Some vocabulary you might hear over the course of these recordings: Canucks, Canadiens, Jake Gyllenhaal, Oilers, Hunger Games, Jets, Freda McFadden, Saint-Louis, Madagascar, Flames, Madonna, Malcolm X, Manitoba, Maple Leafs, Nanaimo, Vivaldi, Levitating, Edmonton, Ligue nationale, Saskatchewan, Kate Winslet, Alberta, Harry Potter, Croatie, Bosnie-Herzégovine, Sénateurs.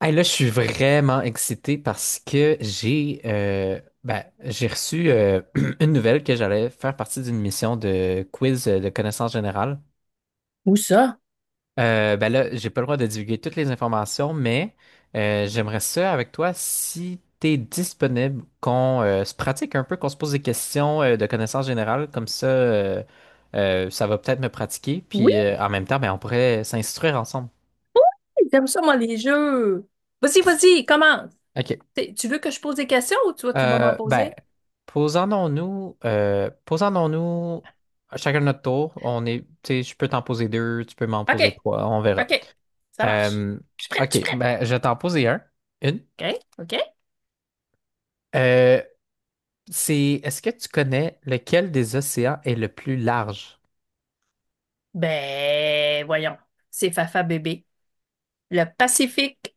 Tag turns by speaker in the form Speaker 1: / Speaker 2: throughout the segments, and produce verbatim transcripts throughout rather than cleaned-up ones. Speaker 1: Hey, là, je suis vraiment excité parce que j'ai euh, ben, j'ai reçu euh, une nouvelle que j'allais faire partie d'une mission de quiz euh, de connaissances générales.
Speaker 2: Où ça?
Speaker 1: Euh, ben là, j'ai pas le droit de divulguer toutes les informations, mais euh, j'aimerais ça avec toi si t'es disponible, qu'on euh, se pratique un peu, qu'on se pose des questions euh, de connaissances générales, comme ça, euh, euh, ça va peut-être me pratiquer,
Speaker 2: Oui,
Speaker 1: puis euh, en même temps, ben, on pourrait s'instruire ensemble.
Speaker 2: j'aime ça, moi, les jeux. Vas-y, vas-y, commence.
Speaker 1: Ok.
Speaker 2: T'es- Tu veux que je pose des questions ou toi tu vas m'en
Speaker 1: Euh, ben,
Speaker 2: poser?
Speaker 1: posons-nous, euh, posons-nous chacun notre tour. On est, tu sais, je peux t'en poser deux, tu peux m'en poser
Speaker 2: OK,
Speaker 1: trois, on verra.
Speaker 2: OK, ça marche.
Speaker 1: Euh,
Speaker 2: Je suis prête, je
Speaker 1: OK,
Speaker 2: suis
Speaker 1: ben, je vais t'en poser un, une.
Speaker 2: prête. OK, OK.
Speaker 1: Euh, c'est, est-ce que tu connais lequel des océans est le plus large?
Speaker 2: Ben, voyons. C'est Fafa bébé. Le Pacifique.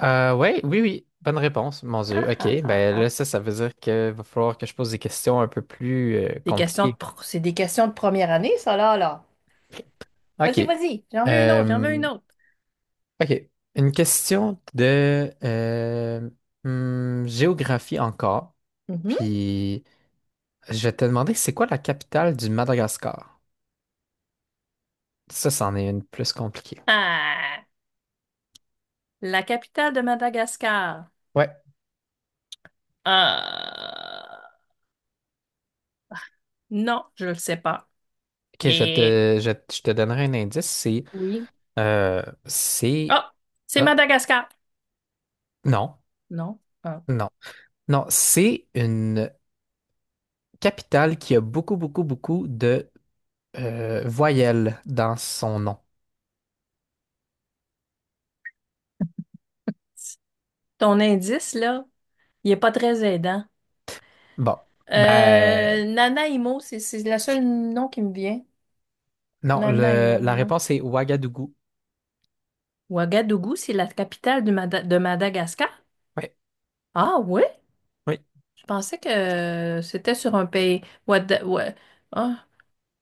Speaker 1: Euh, ouais, oui, oui, bonne réponse, mon
Speaker 2: Ah,
Speaker 1: Dieu. OK,
Speaker 2: ah, ah,
Speaker 1: ben là,
Speaker 2: ah.
Speaker 1: ça, ça veut dire qu'il va falloir que je pose des questions un peu plus euh,
Speaker 2: Des questions de
Speaker 1: compliquées.
Speaker 2: pro- C'est des questions de première année, ça, là, là. Vas-y,
Speaker 1: OK.
Speaker 2: vas-y. J'en veux une autre, j'en veux
Speaker 1: Euh,
Speaker 2: une autre.
Speaker 1: OK. Une question de euh, hmm, géographie encore.
Speaker 2: Mhm.
Speaker 1: Puis je vais te demander c'est quoi la capitale du Madagascar? Ça, c'en est une plus compliquée.
Speaker 2: Ah, la capitale de Madagascar.
Speaker 1: Ouais.
Speaker 2: Ah, non, je le sais pas.
Speaker 1: OK, je vais
Speaker 2: Et
Speaker 1: te, je, je te donnerai un indice. C'est
Speaker 2: oui.
Speaker 1: euh, c'est
Speaker 2: Ah, c'est
Speaker 1: ah,
Speaker 2: Madagascar.
Speaker 1: non.
Speaker 2: Non. Ah.
Speaker 1: Non. Non, c'est une capitale qui a beaucoup, beaucoup, beaucoup de euh, voyelles dans son nom.
Speaker 2: Ton indice, là, il est pas très aidant.
Speaker 1: Bon.
Speaker 2: Euh,
Speaker 1: Ben
Speaker 2: Nanaimo, c'est c'est le seul nom qui me vient.
Speaker 1: non,
Speaker 2: Nanaimo,
Speaker 1: le, la
Speaker 2: non.
Speaker 1: réponse est Ouagadougou.
Speaker 2: Ouagadougou, c'est la capitale de, Mada- de Madagascar?
Speaker 1: Oui,
Speaker 2: Ah oui?
Speaker 1: oui.
Speaker 2: Je pensais que euh, c'était sur un pays. Ouada- Oua- Ah,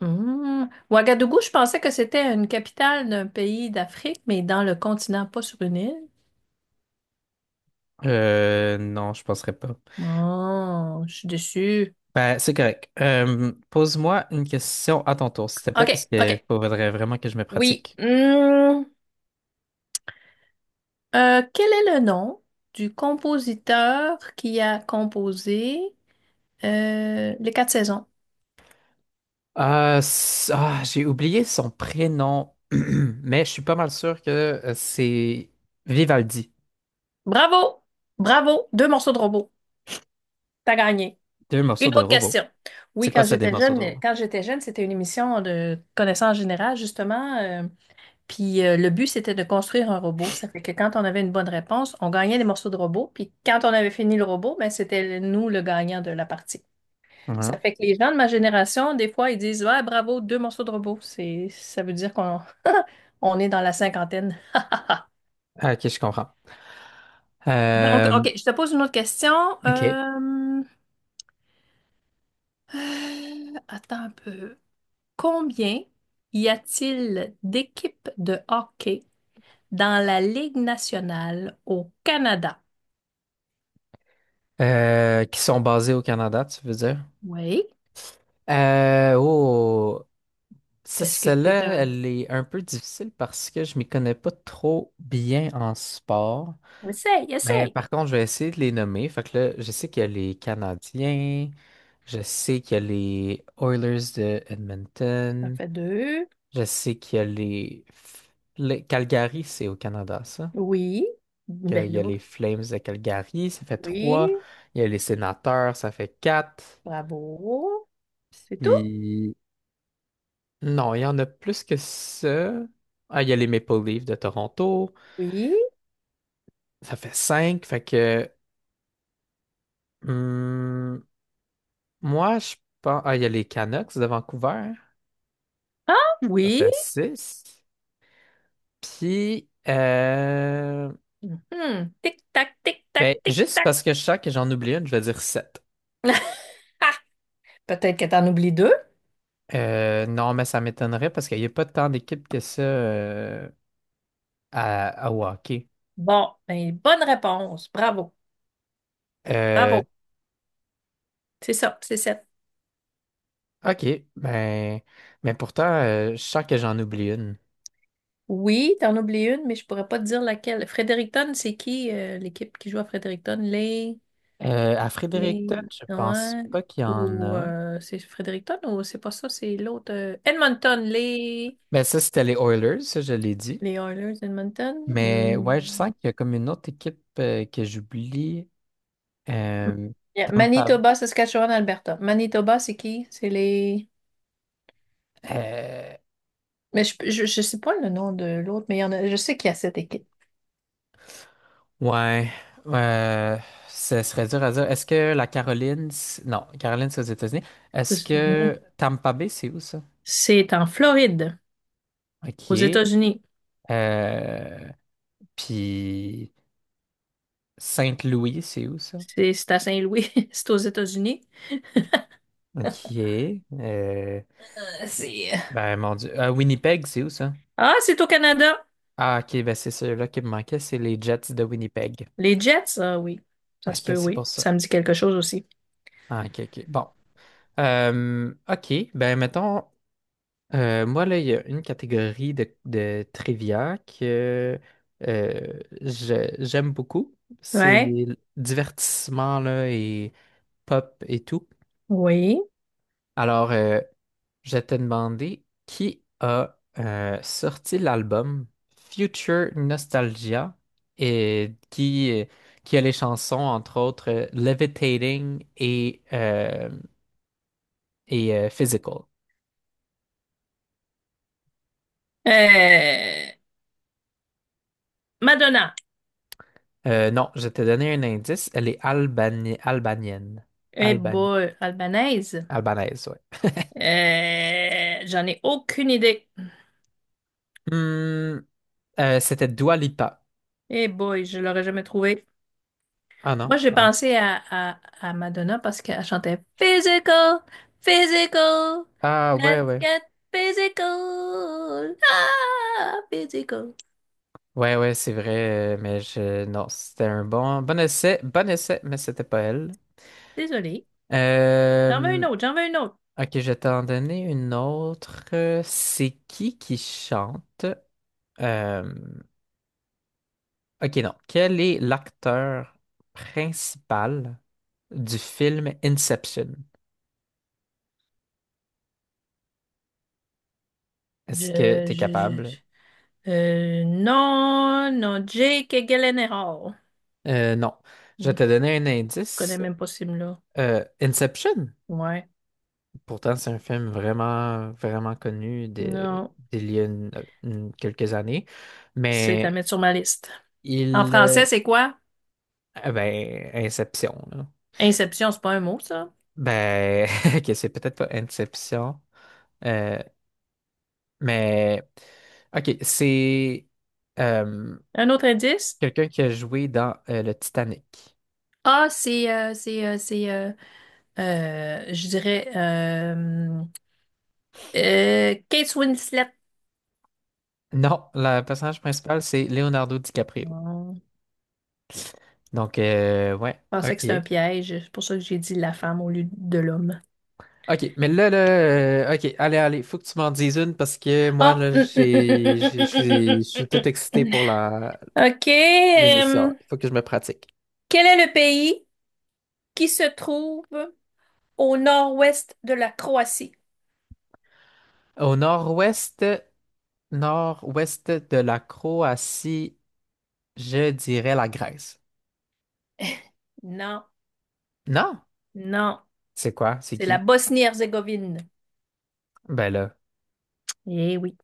Speaker 2: hmm. Ouagadougou, je pensais que c'était une capitale d'un pays d'Afrique, mais dans le continent, pas sur une île.
Speaker 1: Euh, non, je penserais pas.
Speaker 2: Oh, je suis déçue.
Speaker 1: Ben, c'est correct. Euh, pose-moi une question à ton tour, s'il te plaît, parce
Speaker 2: OK,
Speaker 1: qu'il
Speaker 2: OK.
Speaker 1: faudrait vraiment que je me
Speaker 2: Oui.
Speaker 1: pratique.
Speaker 2: Hmm. Euh, quel est le nom du compositeur qui a composé euh, Les Quatre Saisons?
Speaker 1: Ah, s- ah, j'ai oublié son prénom, mais je suis pas mal sûr que euh, c'est Vivaldi.
Speaker 2: Bravo! Bravo! Deux morceaux de robot. T'as gagné.
Speaker 1: Deux
Speaker 2: Une
Speaker 1: morceaux de
Speaker 2: autre
Speaker 1: robot.
Speaker 2: question.
Speaker 1: C'est
Speaker 2: Oui,
Speaker 1: quoi
Speaker 2: quand
Speaker 1: ça, des
Speaker 2: j'étais
Speaker 1: morceaux
Speaker 2: jeune,
Speaker 1: de robot?
Speaker 2: quand j'étais jeune, c'était une émission de connaissances générales, justement. Euh, puis euh, le but, c'était de construire un robot. Ça fait que quand on avait une bonne réponse, on gagnait des morceaux de robot. Puis quand on avait fini le robot, ben, c'était nous le gagnant de la partie.
Speaker 1: Ouais.
Speaker 2: Ça fait que les gens de ma génération, des fois, ils disent, ouais, bravo, deux morceaux de robot. C'est, ça veut dire qu'on on est dans la cinquantaine.
Speaker 1: Ah, ok, je comprends.
Speaker 2: Donc,
Speaker 1: Euh,
Speaker 2: OK, je te pose une autre question.
Speaker 1: ok.
Speaker 2: Euh, euh, Attends un peu. Combien y a-t-il d'équipes de hockey dans la Ligue nationale au Canada?
Speaker 1: Euh, qui sont basés au Canada, tu veux dire?
Speaker 2: Oui.
Speaker 1: Euh, oh. Ça,
Speaker 2: Est-ce que t'es
Speaker 1: celle-là,
Speaker 2: un...
Speaker 1: elle est un peu difficile parce que je m'y connais pas trop bien en sport.
Speaker 2: Essaye,
Speaker 1: Mais
Speaker 2: essaye.
Speaker 1: par contre, je vais essayer de les nommer. Fait que là, je sais qu'il y a les Canadiens, je sais qu'il y a les Oilers de
Speaker 2: Ça
Speaker 1: Edmonton,
Speaker 2: fait deux.
Speaker 1: je sais qu'il y a les... F- les- Calgary, c'est au Canada, ça.
Speaker 2: Oui.
Speaker 1: Qu'il
Speaker 2: Ben
Speaker 1: y a
Speaker 2: là,
Speaker 1: les Flames de Calgary, ça fait trois.
Speaker 2: oui.
Speaker 1: Il y a les Sénateurs, ça fait quatre.
Speaker 2: Bravo. C'est tout?
Speaker 1: Puis... Non, il y en a plus que ça. Ah, il y a les Maple Leafs de Toronto.
Speaker 2: Oui.
Speaker 1: Ça fait cinq, fait que hum, moi je pense. Ah, il y a les Canucks de Vancouver.
Speaker 2: Ah
Speaker 1: Ça
Speaker 2: oui.
Speaker 1: fait six. Puis euh,
Speaker 2: Mhm. Tic-tac, tic-tac,
Speaker 1: ben, juste
Speaker 2: tic-tac.
Speaker 1: parce que je sens que j'en oublie une, je vais dire sept.
Speaker 2: Ah, peut-être que t'en oublies deux.
Speaker 1: Euh, non, mais ça m'étonnerait parce qu'il n'y a pas tant d'équipes que ça euh, à, à au hockey.
Speaker 2: Bon, ben, bonne réponse. Bravo.
Speaker 1: Euh,
Speaker 2: Bravo. C'est ça, c'est sept.
Speaker 1: ok, ben, mais pourtant, euh, je sens que j'en oublie une.
Speaker 2: Oui, t'en oublies une, mais je pourrais pas te dire laquelle. Fredericton, c'est qui euh, l'équipe qui joue à Fredericton? Les.
Speaker 1: Euh, à
Speaker 2: Les.
Speaker 1: Fredericton, je pense
Speaker 2: Ouais.
Speaker 1: pas qu'il y en
Speaker 2: Ou
Speaker 1: a.
Speaker 2: euh, c'est Fredericton ou c'est pas ça, c'est l'autre. euh, Edmonton, les.
Speaker 1: Ben ça, c'était les Oilers, ça, je l'ai dit.
Speaker 2: Les Oilers d'Edmonton.
Speaker 1: Mais ouais, je
Speaker 2: Hmm.
Speaker 1: sens qu'il y a comme une autre équipe euh, que j'oublie. Euh,
Speaker 2: Yeah,
Speaker 1: Tampa.
Speaker 2: Manitoba, Saskatchewan, Alberta. Manitoba, c'est qui? C'est les.
Speaker 1: euh,
Speaker 2: Mais je, je, je sais pas le nom de l'autre, mais il y en a, je sais qu'il y a cette équipe
Speaker 1: ouais. euh, ce serait dur à dire. Est-ce que la Caroline. C- Non, Caroline, c'est aux États-Unis.
Speaker 2: aux
Speaker 1: Est-ce
Speaker 2: États-Unis.
Speaker 1: que Tampa Bay, c'est où ça?
Speaker 2: C'est en Floride, aux
Speaker 1: OK.
Speaker 2: États-Unis.
Speaker 1: Euh, puis Saint-Louis, c'est où ça?
Speaker 2: C'est c'est à Saint-Louis, c'est aux États-Unis.
Speaker 1: OK. Euh,
Speaker 2: Euh, c'est-
Speaker 1: ben, mon Dieu. Euh, Winnipeg, c'est où ça?
Speaker 2: Ah, c'est au Canada.
Speaker 1: Ah, OK, ben c'est celui-là qui me manquait. C'est les Jets de Winnipeg.
Speaker 2: Les Jets, ah oui. Ça se
Speaker 1: OK,
Speaker 2: peut,
Speaker 1: c'est
Speaker 2: oui.
Speaker 1: pour ça.
Speaker 2: Ça me dit quelque chose aussi.
Speaker 1: Ah, ok, ok. Bon. Euh, ok, ben mettons, euh, moi là, il y a une catégorie de, de trivia que euh, je- j'aime beaucoup. C'est
Speaker 2: Ouais,
Speaker 1: le divertissement là, et pop et tout.
Speaker 2: oui.
Speaker 1: Alors, euh, je t'ai demandé qui a euh, sorti l'album Future Nostalgia et qui, euh, qui a les chansons, entre autres, euh, Levitating et, euh, et euh, Physical.
Speaker 2: Euh, Madonna.
Speaker 1: Euh, non, je t'ai donné un indice. Elle est albani- albanienne.
Speaker 2: Eh
Speaker 1: Alban-
Speaker 2: boy, albanaise.
Speaker 1: Albanaise, ouais.
Speaker 2: Euh, j'en ai aucune idée.
Speaker 1: Hmm, euh, c'était Dua Lipa.
Speaker 2: Eh boy, je l'aurais jamais trouvé.
Speaker 1: Ah non.
Speaker 2: Moi, j'ai
Speaker 1: Ah,
Speaker 2: pensé à, à, à Madonna parce qu'elle chantait Physical, Physical,
Speaker 1: ah, ouais,
Speaker 2: let's
Speaker 1: ouais.
Speaker 2: get physical, ah, physical.
Speaker 1: Ouais, ouais, c'est vrai, euh, mais je. Non, c'était un bon... Bon essai, bon essai, mais c'était pas elle.
Speaker 2: Désolée. J'en veux une
Speaker 1: Euh,
Speaker 2: autre, j'en veux une autre.
Speaker 1: Ok, je vais t'en donner une autre. Euh, C'est qui qui chante? Euh, Ok, non. Quel est l'acteur principal du film Inception? Est-ce que
Speaker 2: Je,
Speaker 1: tu es
Speaker 2: je, je,
Speaker 1: capable?
Speaker 2: je- euh, non, non, Jake Gyllenhaal.
Speaker 1: Euh, non. Je vais
Speaker 2: Hmm,
Speaker 1: te
Speaker 2: je
Speaker 1: donner un
Speaker 2: connais
Speaker 1: indice.
Speaker 2: même pas ce film-là.
Speaker 1: Euh, Inception,
Speaker 2: Ouais.
Speaker 1: pourtant, c'est un film vraiment, vraiment connu de-
Speaker 2: Non,
Speaker 1: d'il y a une- une- quelques années.
Speaker 2: c'est à
Speaker 1: Mais
Speaker 2: mettre sur ma liste. En
Speaker 1: il. Euh,
Speaker 2: français, c'est quoi?
Speaker 1: ah ben, Inception, là.
Speaker 2: Inception, c'est pas un mot, ça.
Speaker 1: Ben, ok, c'est peut-être pas Inception. Euh, mais. Ok, c'est euh,
Speaker 2: Un autre indice?
Speaker 1: quelqu'un qui a joué dans euh, le Titanic.
Speaker 2: Ah, c'est, euh, c'est, euh, c'est, euh, Euh, je dirais euh, euh, Kate Winslet.
Speaker 1: Non, le personnage principal, c'est Leonardo DiCaprio.
Speaker 2: Hmm,
Speaker 1: Donc, euh, ouais,
Speaker 2: je pensais que
Speaker 1: ok.
Speaker 2: c'était un piège. C'est pour ça que j'ai dit la femme au lieu de l'homme.
Speaker 1: Ok, mais là, là, euh, ok, allez, allez, faut que tu m'en dises une parce que moi,
Speaker 2: Ah!
Speaker 1: là,
Speaker 2: Hum, hum, hum, hum,
Speaker 1: j'ai,
Speaker 2: hum,
Speaker 1: j'ai- je
Speaker 2: hum,
Speaker 1: suis je
Speaker 2: hum, hum,
Speaker 1: suis
Speaker 2: hum,
Speaker 1: tout excité
Speaker 2: hum. hum.
Speaker 1: pour la,
Speaker 2: OK.
Speaker 1: l'émission.
Speaker 2: Euh,
Speaker 1: Il faut que je me pratique.
Speaker 2: quel est le pays qui se trouve au nord-ouest de la Croatie?
Speaker 1: Au nord-ouest, nord-ouest de la Croatie, je dirais la Grèce.
Speaker 2: Non,
Speaker 1: Non?
Speaker 2: non.
Speaker 1: C'est quoi? C'est
Speaker 2: C'est la
Speaker 1: qui?
Speaker 2: Bosnie-Herzégovine.
Speaker 1: Ben là,
Speaker 2: Eh oui.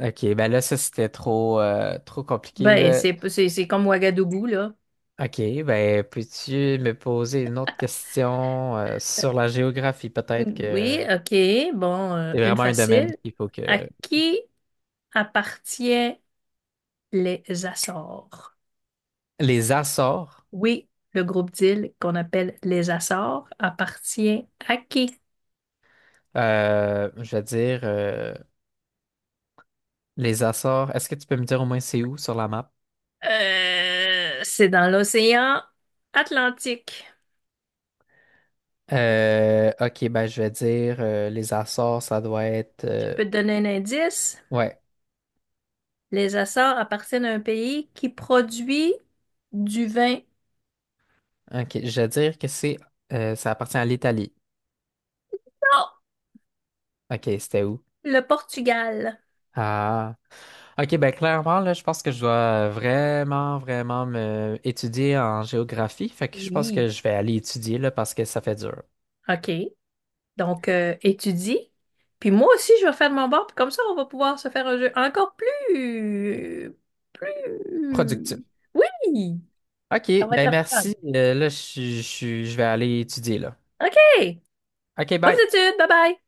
Speaker 1: ok, ben là, ça, c'était trop, euh, trop compliqué,
Speaker 2: Ben,
Speaker 1: là.
Speaker 2: c'est c'est- c'est comme Ouagadougou, là.
Speaker 1: Ok, ben, peux-tu me poser une autre question, euh, sur la géographie, peut-être que.
Speaker 2: Oui, OK. Bon, euh,
Speaker 1: C'est
Speaker 2: une
Speaker 1: vraiment un domaine
Speaker 2: facile.
Speaker 1: qu'il faut que.
Speaker 2: À qui appartient les Açores?
Speaker 1: Les Açores,
Speaker 2: Oui, le groupe d'îles qu'on appelle les Açores appartient à qui?
Speaker 1: euh, je veux dire, euh, les Açores, est-ce que tu peux me dire au moins c'est où sur la map?
Speaker 2: Euh, c'est dans l'océan Atlantique.
Speaker 1: Euh, ok, ben je vais dire euh, les Açores, ça doit être.
Speaker 2: Je
Speaker 1: euh,
Speaker 2: peux te donner un indice.
Speaker 1: ouais,
Speaker 2: Les Açores appartiennent à un pays qui produit du vin.
Speaker 1: ok, je vais dire que c'est. euh, ça appartient à l'Italie.
Speaker 2: Non,
Speaker 1: Ok, c'était où?
Speaker 2: le Portugal.
Speaker 1: Ah. Ok, ben clairement, là, je pense que je dois vraiment, vraiment me étudier en géographie. Fait que je pense que
Speaker 2: Oui.
Speaker 1: je vais aller étudier, là, parce que ça fait dur.
Speaker 2: OK. Donc, euh, étudie. Puis moi aussi, je vais faire de mon bord. Puis comme ça, on va pouvoir se faire un jeu encore plus...
Speaker 1: Productif.
Speaker 2: Plus... Oui!
Speaker 1: OK,
Speaker 2: Ça va être
Speaker 1: ben
Speaker 2: la fun.
Speaker 1: merci. Euh, là, je, je, je vais aller étudier là.
Speaker 2: OK!
Speaker 1: OK,
Speaker 2: Bonnes
Speaker 1: bye.
Speaker 2: études! Bye bye!